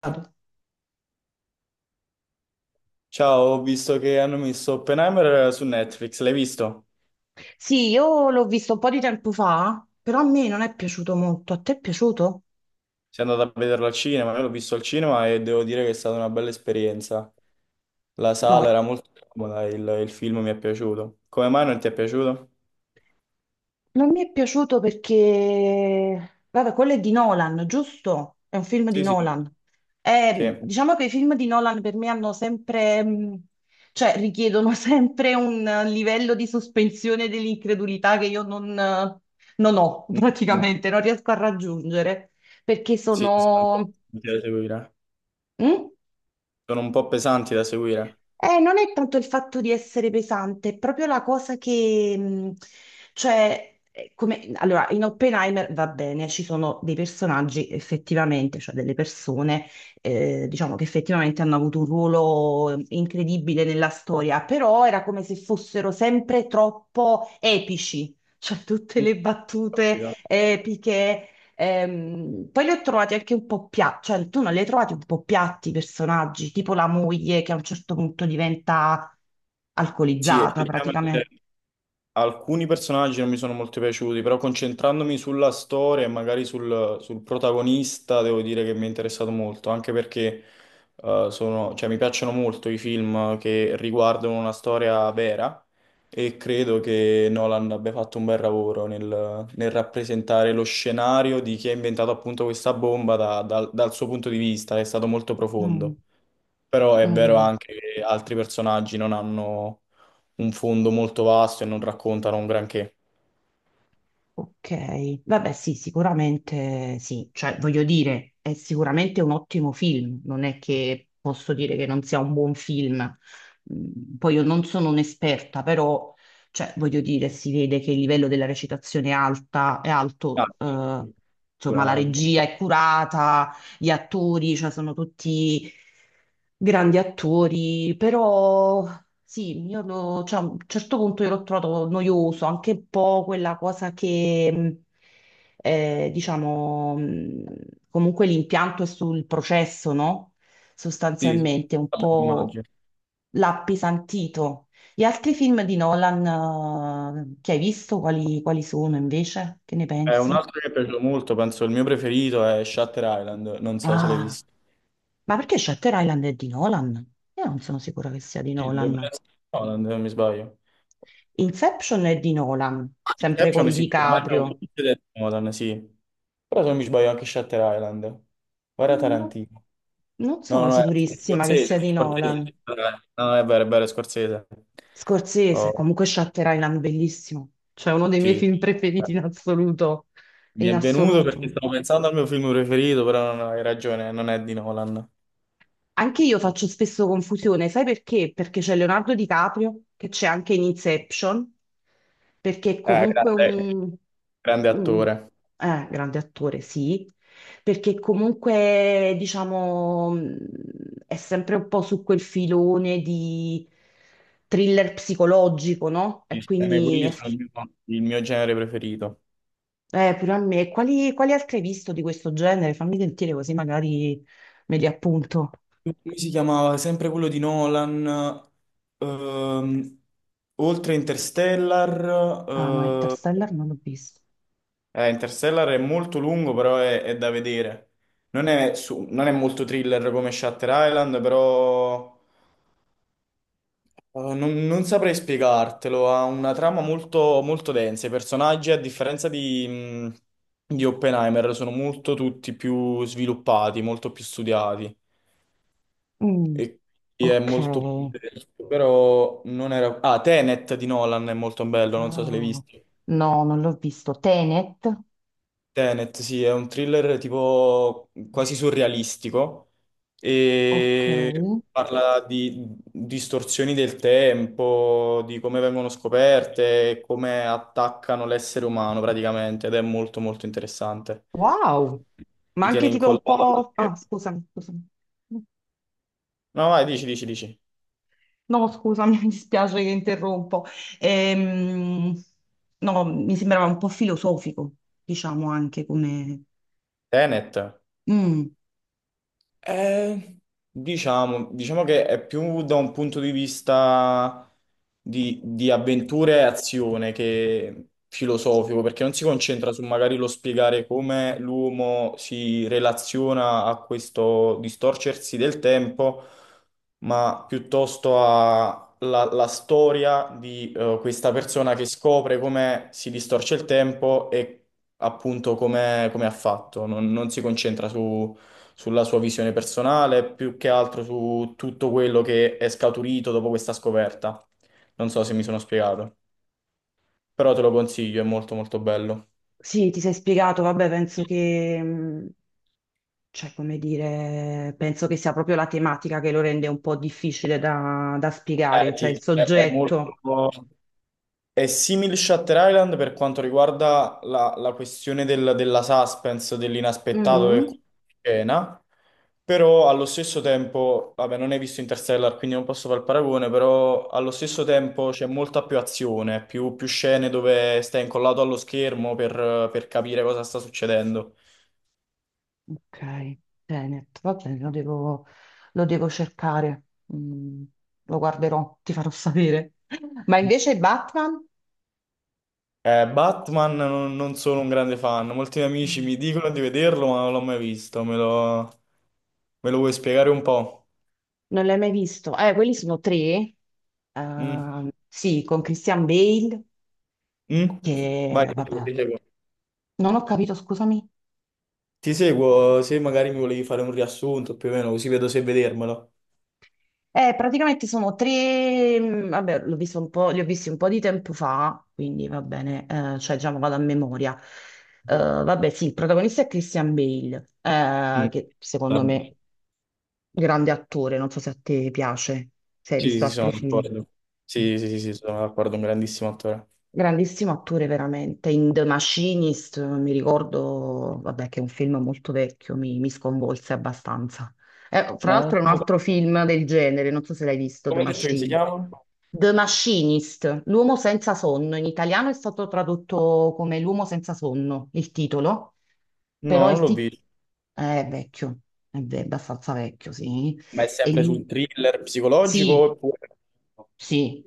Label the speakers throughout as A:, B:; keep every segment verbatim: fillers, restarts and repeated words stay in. A: Stato.
B: Ciao, ho visto che hanno messo Oppenheimer su Netflix, l'hai visto?
A: Sì, io l'ho visto un po' di tempo fa, però a me non è piaciuto molto. A te è piaciuto?
B: Sei andato a vederlo al cinema, io l'ho visto al cinema e devo dire che è stata una bella esperienza. La
A: No,
B: sala era molto comoda, il, il film mi è piaciuto. Come mai non ti è piaciuto?
A: non mi è piaciuto perché, vabbè, quello è di Nolan, giusto? È un film di
B: Sì, sì.
A: Nolan.
B: Sì,
A: Eh, diciamo che i film di Nolan per me hanno sempre, mh, cioè richiedono sempre un eh, livello di sospensione dell'incredulità che io non, eh, non ho
B: mm, no.
A: praticamente, non riesco a raggiungere perché
B: Sì, sono un po'
A: sono.
B: pesanti da seguire.
A: Mm?
B: Sono un po' pesanti da seguire.
A: Eh, non è tanto il fatto di essere pesante, è proprio la cosa che, mh, cioè, è come, allora, in Oppenheimer va bene, ci sono dei personaggi effettivamente, cioè delle persone, eh, diciamo che effettivamente hanno avuto un ruolo eh, incredibile nella storia, però era come se fossero sempre troppo epici. Cioè, tutte
B: Mm,
A: le
B: ho
A: battute
B: capito.
A: epiche. Ehm, poi li ho trovati anche un po' piatti, cioè tu non li hai trovati un po' piatti i personaggi, tipo la moglie che a un certo punto diventa
B: Sì,
A: alcolizzata
B: effettivamente
A: praticamente.
B: alcuni personaggi non mi sono molto piaciuti, però concentrandomi sulla storia e magari sul, sul protagonista, devo dire che mi è interessato molto, anche perché eh, sono- cioè, mi piacciono molto i film che riguardano una storia vera e credo che Nolan abbia fatto un bel lavoro nel, nel rappresentare lo scenario di chi ha inventato appunto questa bomba da- dal dal suo punto di vista, è stato molto
A: Mm,
B: profondo, però è vero
A: mm.
B: anche che altri personaggi non hanno un fondo molto vasto e non raccontano un granché.
A: Ok, vabbè sì, sicuramente sì, cioè voglio dire, è sicuramente un ottimo film, non è che posso dire che non sia un buon film. Mm, poi io non sono un'esperta, però cioè, voglio dire, si vede che il livello della recitazione è alta, è alto,
B: Ah,
A: eh,
B: sì,
A: insomma la
B: sicuramente.
A: regia è curata, gli attori, cioè sono tutti grandi attori, però sì, io lo- cioè, a un certo punto io l'ho trovato noioso, anche un po' quella cosa che, mh, eh, diciamo, mh, comunque l'impianto è sul processo, no?
B: Sì, sì.
A: Sostanzialmente, un
B: Vabbè,
A: po'
B: immagino.
A: l'ha appesantito. Gli altri film di Nolan, eh, che hai visto, quali, quali sono invece? Che ne
B: Eh, un
A: pensi?
B: altro che è piaciuto molto, penso il mio preferito, è Shutter Island, non so se l'hai
A: Ah,
B: visto.
A: ma perché Shutter Island è di Nolan? Io non sono sicura che sia di
B: Sì, dovrebbe
A: Nolan.
B: essere Nolan, se non mi sbaglio.
A: Inception è di Nolan, sempre
B: Inception
A: con
B: sì, sicuramente è un
A: DiCaprio.
B: film di Nolan, sì. Però se non mi sbaglio anche Shutter Island. Guarda
A: Non
B: Tarantino.
A: non
B: No,
A: sono
B: no, è
A: sicurissima che
B: Scorsese,
A: sia di
B: Scorsese.
A: Nolan.
B: Eh, No, è vero, è vero, è Scorsese.
A: Scorsese,
B: Oh.
A: comunque Shutter Island, bellissimo. Cioè uno dei miei
B: Sì.
A: film preferiti in assoluto.
B: Mi
A: In
B: è venuto perché
A: assoluto.
B: stavo pensando al mio film preferito, però non hai ragione, non è di Nolan.
A: Anche io faccio spesso confusione, sai perché? Perché c'è Leonardo DiCaprio, che c'è anche in Inception, perché è
B: Eh,
A: comunque
B: grande,
A: un,
B: grande
A: un-
B: attore.
A: eh, grande attore, sì, perché comunque, diciamo, mh, è sempre un po' su quel filone di thriller psicologico, no?
B: Sì,
A: E
B: sì,
A: quindi,
B: quelli
A: è-
B: sono il mio, il mio genere preferito.
A: eh, pure a me, quali, quali altri hai visto di questo genere? Fammi sentire così magari me li appunto.
B: Come si chiamava? Sempre quello di Nolan. ehm, oltre Interstellar.
A: Ah no,
B: eh,
A: Interstellar non l'ho visto.
B: eh, Interstellar è molto lungo, però è, è da vedere. Non è, su- non è molto thriller come Shutter Island, però Uh, non, non saprei spiegartelo, ha una trama molto, molto densa. I personaggi, a differenza di, mh, di Oppenheimer, sono molto tutti più sviluppati, molto più studiati.
A: Mm,
B: E e è
A: ok.
B: molto più denso, però non era... Ah, Tenet di Nolan è molto bello, non so se l'hai
A: Ah,
B: visto.
A: no, non l'ho visto. Tenet.
B: Tenet, sì, è un thriller tipo quasi surrealistico
A: Ok.
B: e parla di distorsioni del tempo, di come vengono scoperte e come attaccano l'essere umano praticamente, ed è molto molto interessante.
A: Wow. Ma
B: Ti tiene
A: anche tipo un
B: incollato alla
A: po'. Ah,
B: schermo.
A: scusami, scusami.
B: No, vai, dici, dici, dici.
A: No, scusami, mi dispiace che interrompo. Ehm, no, mi sembrava un po' filosofico, diciamo anche come.
B: Tenet.
A: Mm.
B: Eh, diciamo, diciamo che è più da un punto di vista di, di avventure e azione che filosofico, perché non si concentra su magari lo spiegare come l'uomo si relaziona a questo distorcersi del tempo, ma piuttosto alla storia di eh, questa persona che scopre come si distorce il tempo e appunto come, come ha fatto. non non si concentra su sulla sua visione personale, più che altro su tutto quello che è scaturito dopo questa scoperta. Non so se mi sono spiegato, però te lo consiglio, è molto molto bello.
A: Sì, ti sei spiegato, vabbè, penso che, mh, cioè, come dire, penso che sia proprio la tematica che lo rende un po' difficile da, da spiegare,
B: Eh
A: cioè il
B: sì, è è molto...
A: soggetto.
B: È simile Shutter Island per quanto riguarda la, la questione del- della suspense, dell'inaspettato che
A: Mm.
B: scena, però allo stesso tempo, vabbè, non hai visto Interstellar, quindi non posso fare il paragone, però allo stesso tempo c'è molta più azione, più, più scene dove stai incollato allo schermo per, per capire cosa sta succedendo.
A: Ok, Tenet, va bene, lo devo, lo devo cercare. Mm. Lo guarderò, ti farò sapere. Ma invece Batman?
B: Eh, Batman non, non sono un grande fan, molti miei amici
A: Mm.
B: mi dicono di vederlo, ma non l'ho mai visto, me lo, me lo vuoi spiegare un po'?
A: Non l'hai mai visto? Eh, quelli sono tre.
B: Mm.
A: Ehm, sì, con Christian Bale,
B: Mm? Vai,
A: che vabbè,
B: ti seguo.
A: non ho capito, scusami.
B: Ti seguo se magari mi volevi fare un riassunto più o meno, così vedo se vedermelo.
A: Eh, praticamente sono tre, mh, vabbè, l'ho visto un po', li ho visti un po' di tempo fa, quindi va bene, eh, cioè diciamo vado a memoria. Eh, vabbè, sì, il protagonista è Christian Bale, eh,
B: Mm,
A: che secondo
B: vabbè.
A: me grande attore, non so se a te piace, se hai
B: Sì,
A: visto
B: sì, sono
A: altri film.
B: d'accordo.
A: Mm.
B: Sì, sì, sì, sì, sono d'accordo, un grandissimo attore.
A: Grandissimo attore veramente. In The Machinist, eh, mi ricordo, vabbè, che è un film molto vecchio, mi, mi sconvolse abbastanza. Eh, fra
B: Ma non-
A: l'altro è un
B: non-
A: altro film del genere, non so se l'hai visto, The
B: Come hai detto che si
A: Machine.
B: chiama?
A: The Machinist, l'uomo senza sonno. In italiano è stato tradotto come l'uomo senza sonno, il titolo,
B: No,
A: però
B: non
A: il
B: l'ho
A: titolo
B: visto.
A: è vecchio, è ve- abbastanza vecchio, sì.
B: Ma è
A: E
B: sempre sul
A: lui-
B: thriller psicologico
A: sì,
B: oppure...
A: sì,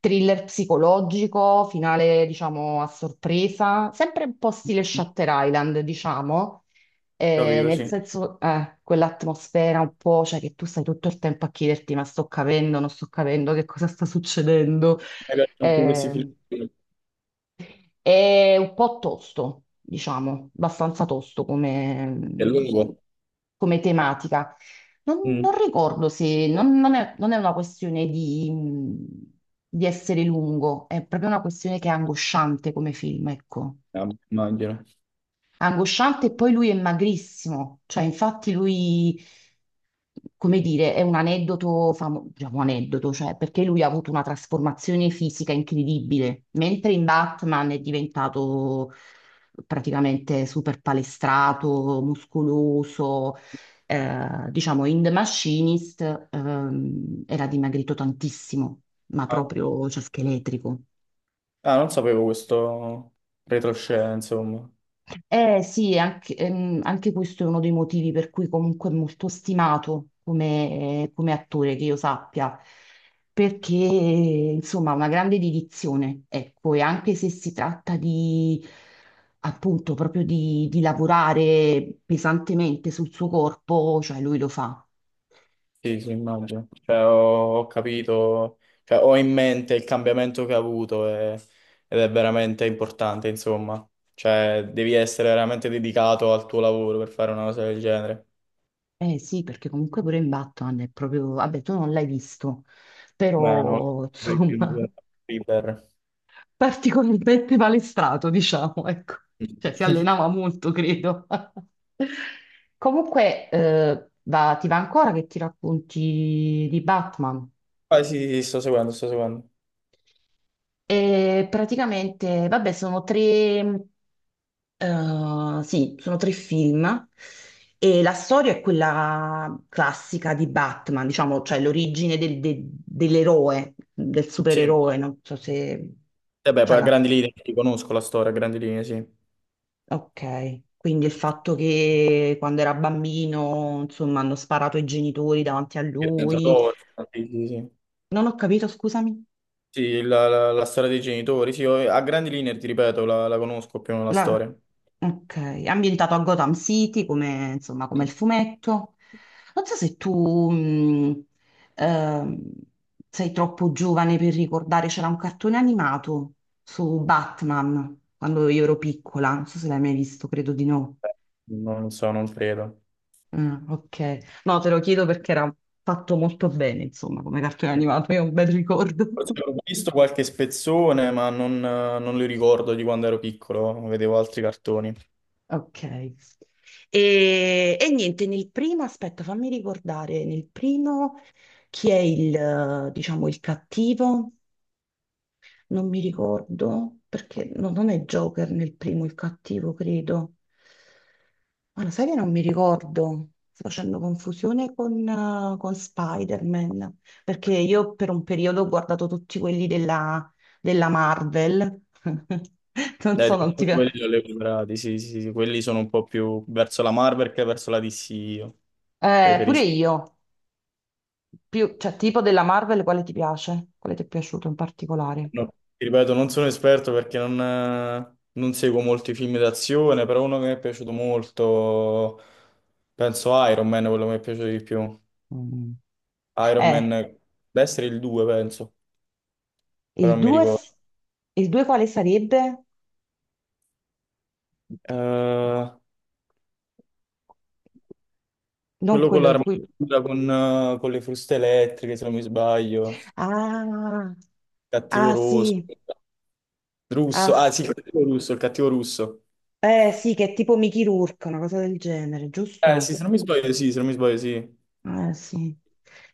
A: thriller psicologico, finale diciamo a sorpresa, sempre un po' stile Shutter Island, diciamo, eh,
B: Capito,
A: nel
B: sì. Mi
A: senso eh, quell'atmosfera un po', cioè che tu stai tutto il tempo a chiederti ma sto capendo, non sto capendo che cosa sta succedendo.
B: piacciono più questi film.
A: Eh, è un po' tosto, diciamo, abbastanza tosto
B: È
A: come,
B: lungo.
A: come tematica. Non, non
B: Mm.
A: ricordo se non, non è, non è una questione di, di essere lungo, è proprio una questione che è angosciante come film, ecco
B: Ah, immagino.
A: angosciante e poi lui è magrissimo, cioè infatti lui, come dire, è un aneddoto, famo- diciamo aneddoto, cioè perché lui ha avuto una trasformazione fisica incredibile, mentre in Batman è diventato praticamente super palestrato, muscoloso, eh, diciamo in The Machinist ehm, era dimagrito tantissimo, ma
B: Ah,
A: proprio, cioè, scheletrico.
B: ah, non sapevo questo retroscena, insomma.
A: Eh sì, anche, ehm, anche questo è uno dei motivi per cui comunque è molto stimato come, come attore, che io sappia, perché insomma ha una grande dedizione, ecco, e anche se si tratta di appunto proprio di, di lavorare pesantemente sul suo corpo, cioè lui lo fa.
B: Sì, sì, immagino. Cioè, ho, ho capito, cioè, ho in mente il cambiamento che ha avuto e- ed è veramente importante, insomma. Cioè, devi essere veramente dedicato al tuo lavoro per fare una cosa del genere.
A: Eh sì, perché comunque pure in Batman è proprio, vabbè, tu non l'hai visto,
B: Beh, no,
A: però insomma,
B: River.
A: particolarmente palestrato, diciamo, ecco. Cioè si allenava molto, credo. Comunque, eh, va- ti va ancora che ti racconti di Batman?
B: Ah, sì, sì, sto seguendo, sto seguendo.
A: E praticamente, vabbè, sono tre, eh, sì, sono tre film e la storia è quella classica di Batman, diciamo, cioè l'origine del- de- dell'eroe, del
B: Sì, e
A: supereroe, non so se
B: beh,
A: ce
B: poi a
A: l'ha.
B: grandi linee ti conosco la storia, a grandi linee, sì.
A: Ok, quindi il fatto che quando era bambino, insomma, hanno sparato i genitori davanti a
B: Il
A: lui.
B: tentatore, sì, sì, sì.
A: Non ho capito, scusami.
B: Sì, la, la- la storia dei genitori, sì, io- a grandi linee, ti ripeto, la, la conosco più o meno la
A: La-
B: storia.
A: Ok, è ambientato a Gotham City, come, insomma, come il
B: Sì.
A: fumetto. Non so se tu mh, ehm, sei troppo giovane per ricordare, c'era un cartone animato su Batman quando io ero piccola, non so se l'hai mai visto, credo di no.
B: Non so, non credo.
A: Ah, ok. No, te lo chiedo perché era fatto molto bene, insomma, come cartone animato, io ho un bel ricordo.
B: Forse ho visto qualche spezzone, ma non, non li ricordo di quando ero piccolo, vedevo altri cartoni.
A: Ok. E, e niente, nel primo, aspetta, fammi ricordare, nel primo chi è il, eh, diciamo, il cattivo? Non mi ricordo, perché no, non è Joker nel primo il cattivo, credo. Ma lo sai che non mi ricordo? Sto facendo confusione con, eh, con Spider-Man, perché io per un periodo ho guardato tutti quelli della, della Marvel. Non
B: Dai,
A: so,
B: di
A: non ti
B: alcuni quelli
A: piace.
B: li ho recuperati, sì, sì, sì, quelli sono un po' più verso la Marvel che verso la D C io.
A: Eh, pure
B: Preferisco.
A: io. Più, cioè, tipo della Marvel, quale ti piace? Quale ti è piaciuto in particolare?
B: No, ti ripeto, non sono esperto perché non, eh, non seguo molti film d'azione, però uno che mi è piaciuto molto, penso Iron Man, quello che mi è piaciuto di più.
A: Mm.
B: Iron Man,
A: Eh,
B: deve essere il due, penso, però
A: il
B: non mi
A: due,
B: ricordo.
A: il due quale sarebbe?
B: Eh,
A: Non
B: quello con
A: quello in cui.
B: l'armatura, con, eh, con le fruste elettriche, se non mi sbaglio.
A: Ah,
B: Cattivo
A: ah,
B: rosso.
A: sì, ah
B: Russo. Ah,
A: sì.
B: sì, il cattivo russo, il cattivo russo.
A: Eh sì, che è tipo Mickey Rourke, una cosa del genere,
B: Eh, sì,
A: giusto?
B: se non mi sbaglio, sì, se non mi sbaglio, sì.
A: Eh, sì,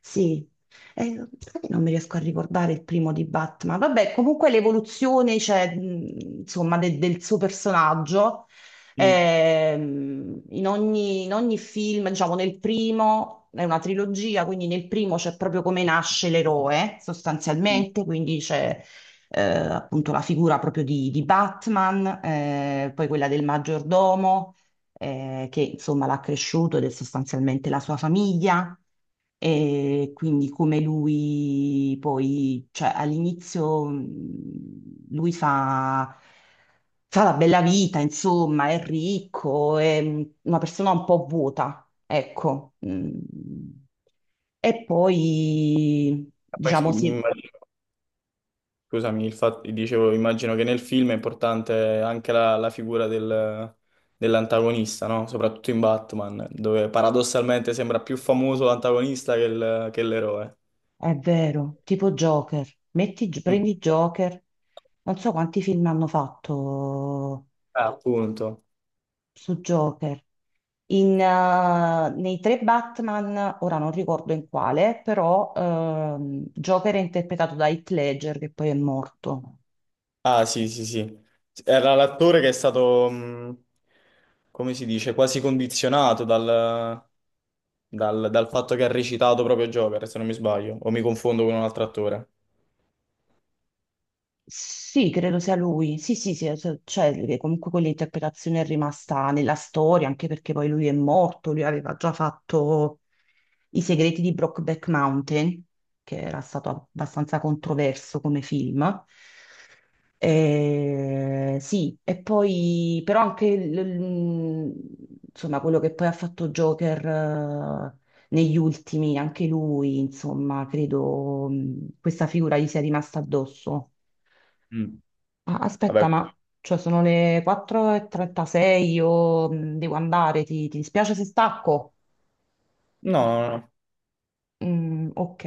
A: sì. Eh, sai che non mi riesco a ricordare il primo di Batman. Vabbè, comunque l'evoluzione, cioè, mh, insomma, de- del suo personaggio,
B: Mm.
A: ehm, in ogni, in ogni film, diciamo, nel primo è una trilogia, quindi nel primo c'è proprio come nasce l'eroe,
B: Mm.
A: sostanzialmente, quindi c'è eh, appunto la figura proprio di, di Batman, eh, poi quella del maggiordomo eh, che insomma l'ha cresciuto ed è sostanzialmente la sua famiglia. E quindi come lui poi, cioè all'inizio mh, lui fa, fa la bella vita, insomma, è ricco, è mh, una persona un po' vuota, ecco. Mm. E poi,
B: Poi sì,
A: diciamo, sì,
B: immagino- scusami, il fatto, dicevo, immagino che nel film è importante anche la, la figura del- dell'antagonista, no? Soprattutto in Batman, dove paradossalmente sembra più famoso l'antagonista che il- che l'eroe.
A: è vero, tipo Joker, metti,
B: Mm.
A: prendi Joker, non so quanti film hanno fatto
B: Ah, appunto.
A: su Joker. In, eh, nei tre Batman, ora non ricordo in quale, però ehm, Joker è interpretato da Heath Ledger, che poi è morto.
B: Ah, sì, sì, sì. Era l'attore che è stato, mh, come si dice, quasi condizionato dal, dal- dal fatto che ha recitato proprio Joker, se non mi sbaglio, o mi confondo con un altro attore.
A: Sì, credo sia lui. Sì, sì, sì, cioè cioè, che comunque quell'interpretazione è rimasta nella storia, anche perché poi lui è morto, lui aveva già fatto I segreti di Brokeback Mountain, che era stato abbastanza controverso come film. Eh, sì, e poi però anche l- l- insomma, quello che poi ha fatto Joker eh, negli ultimi, anche lui, insomma, credo mh, questa figura gli sia rimasta addosso.
B: Mm.
A: Ah,
B: Vabbè,
A: aspetta, ma cioè sono le quattro e trentasei, io mh, devo andare, ti, ti dispiace se stacco?
B: no, no, no.
A: Mm, ok.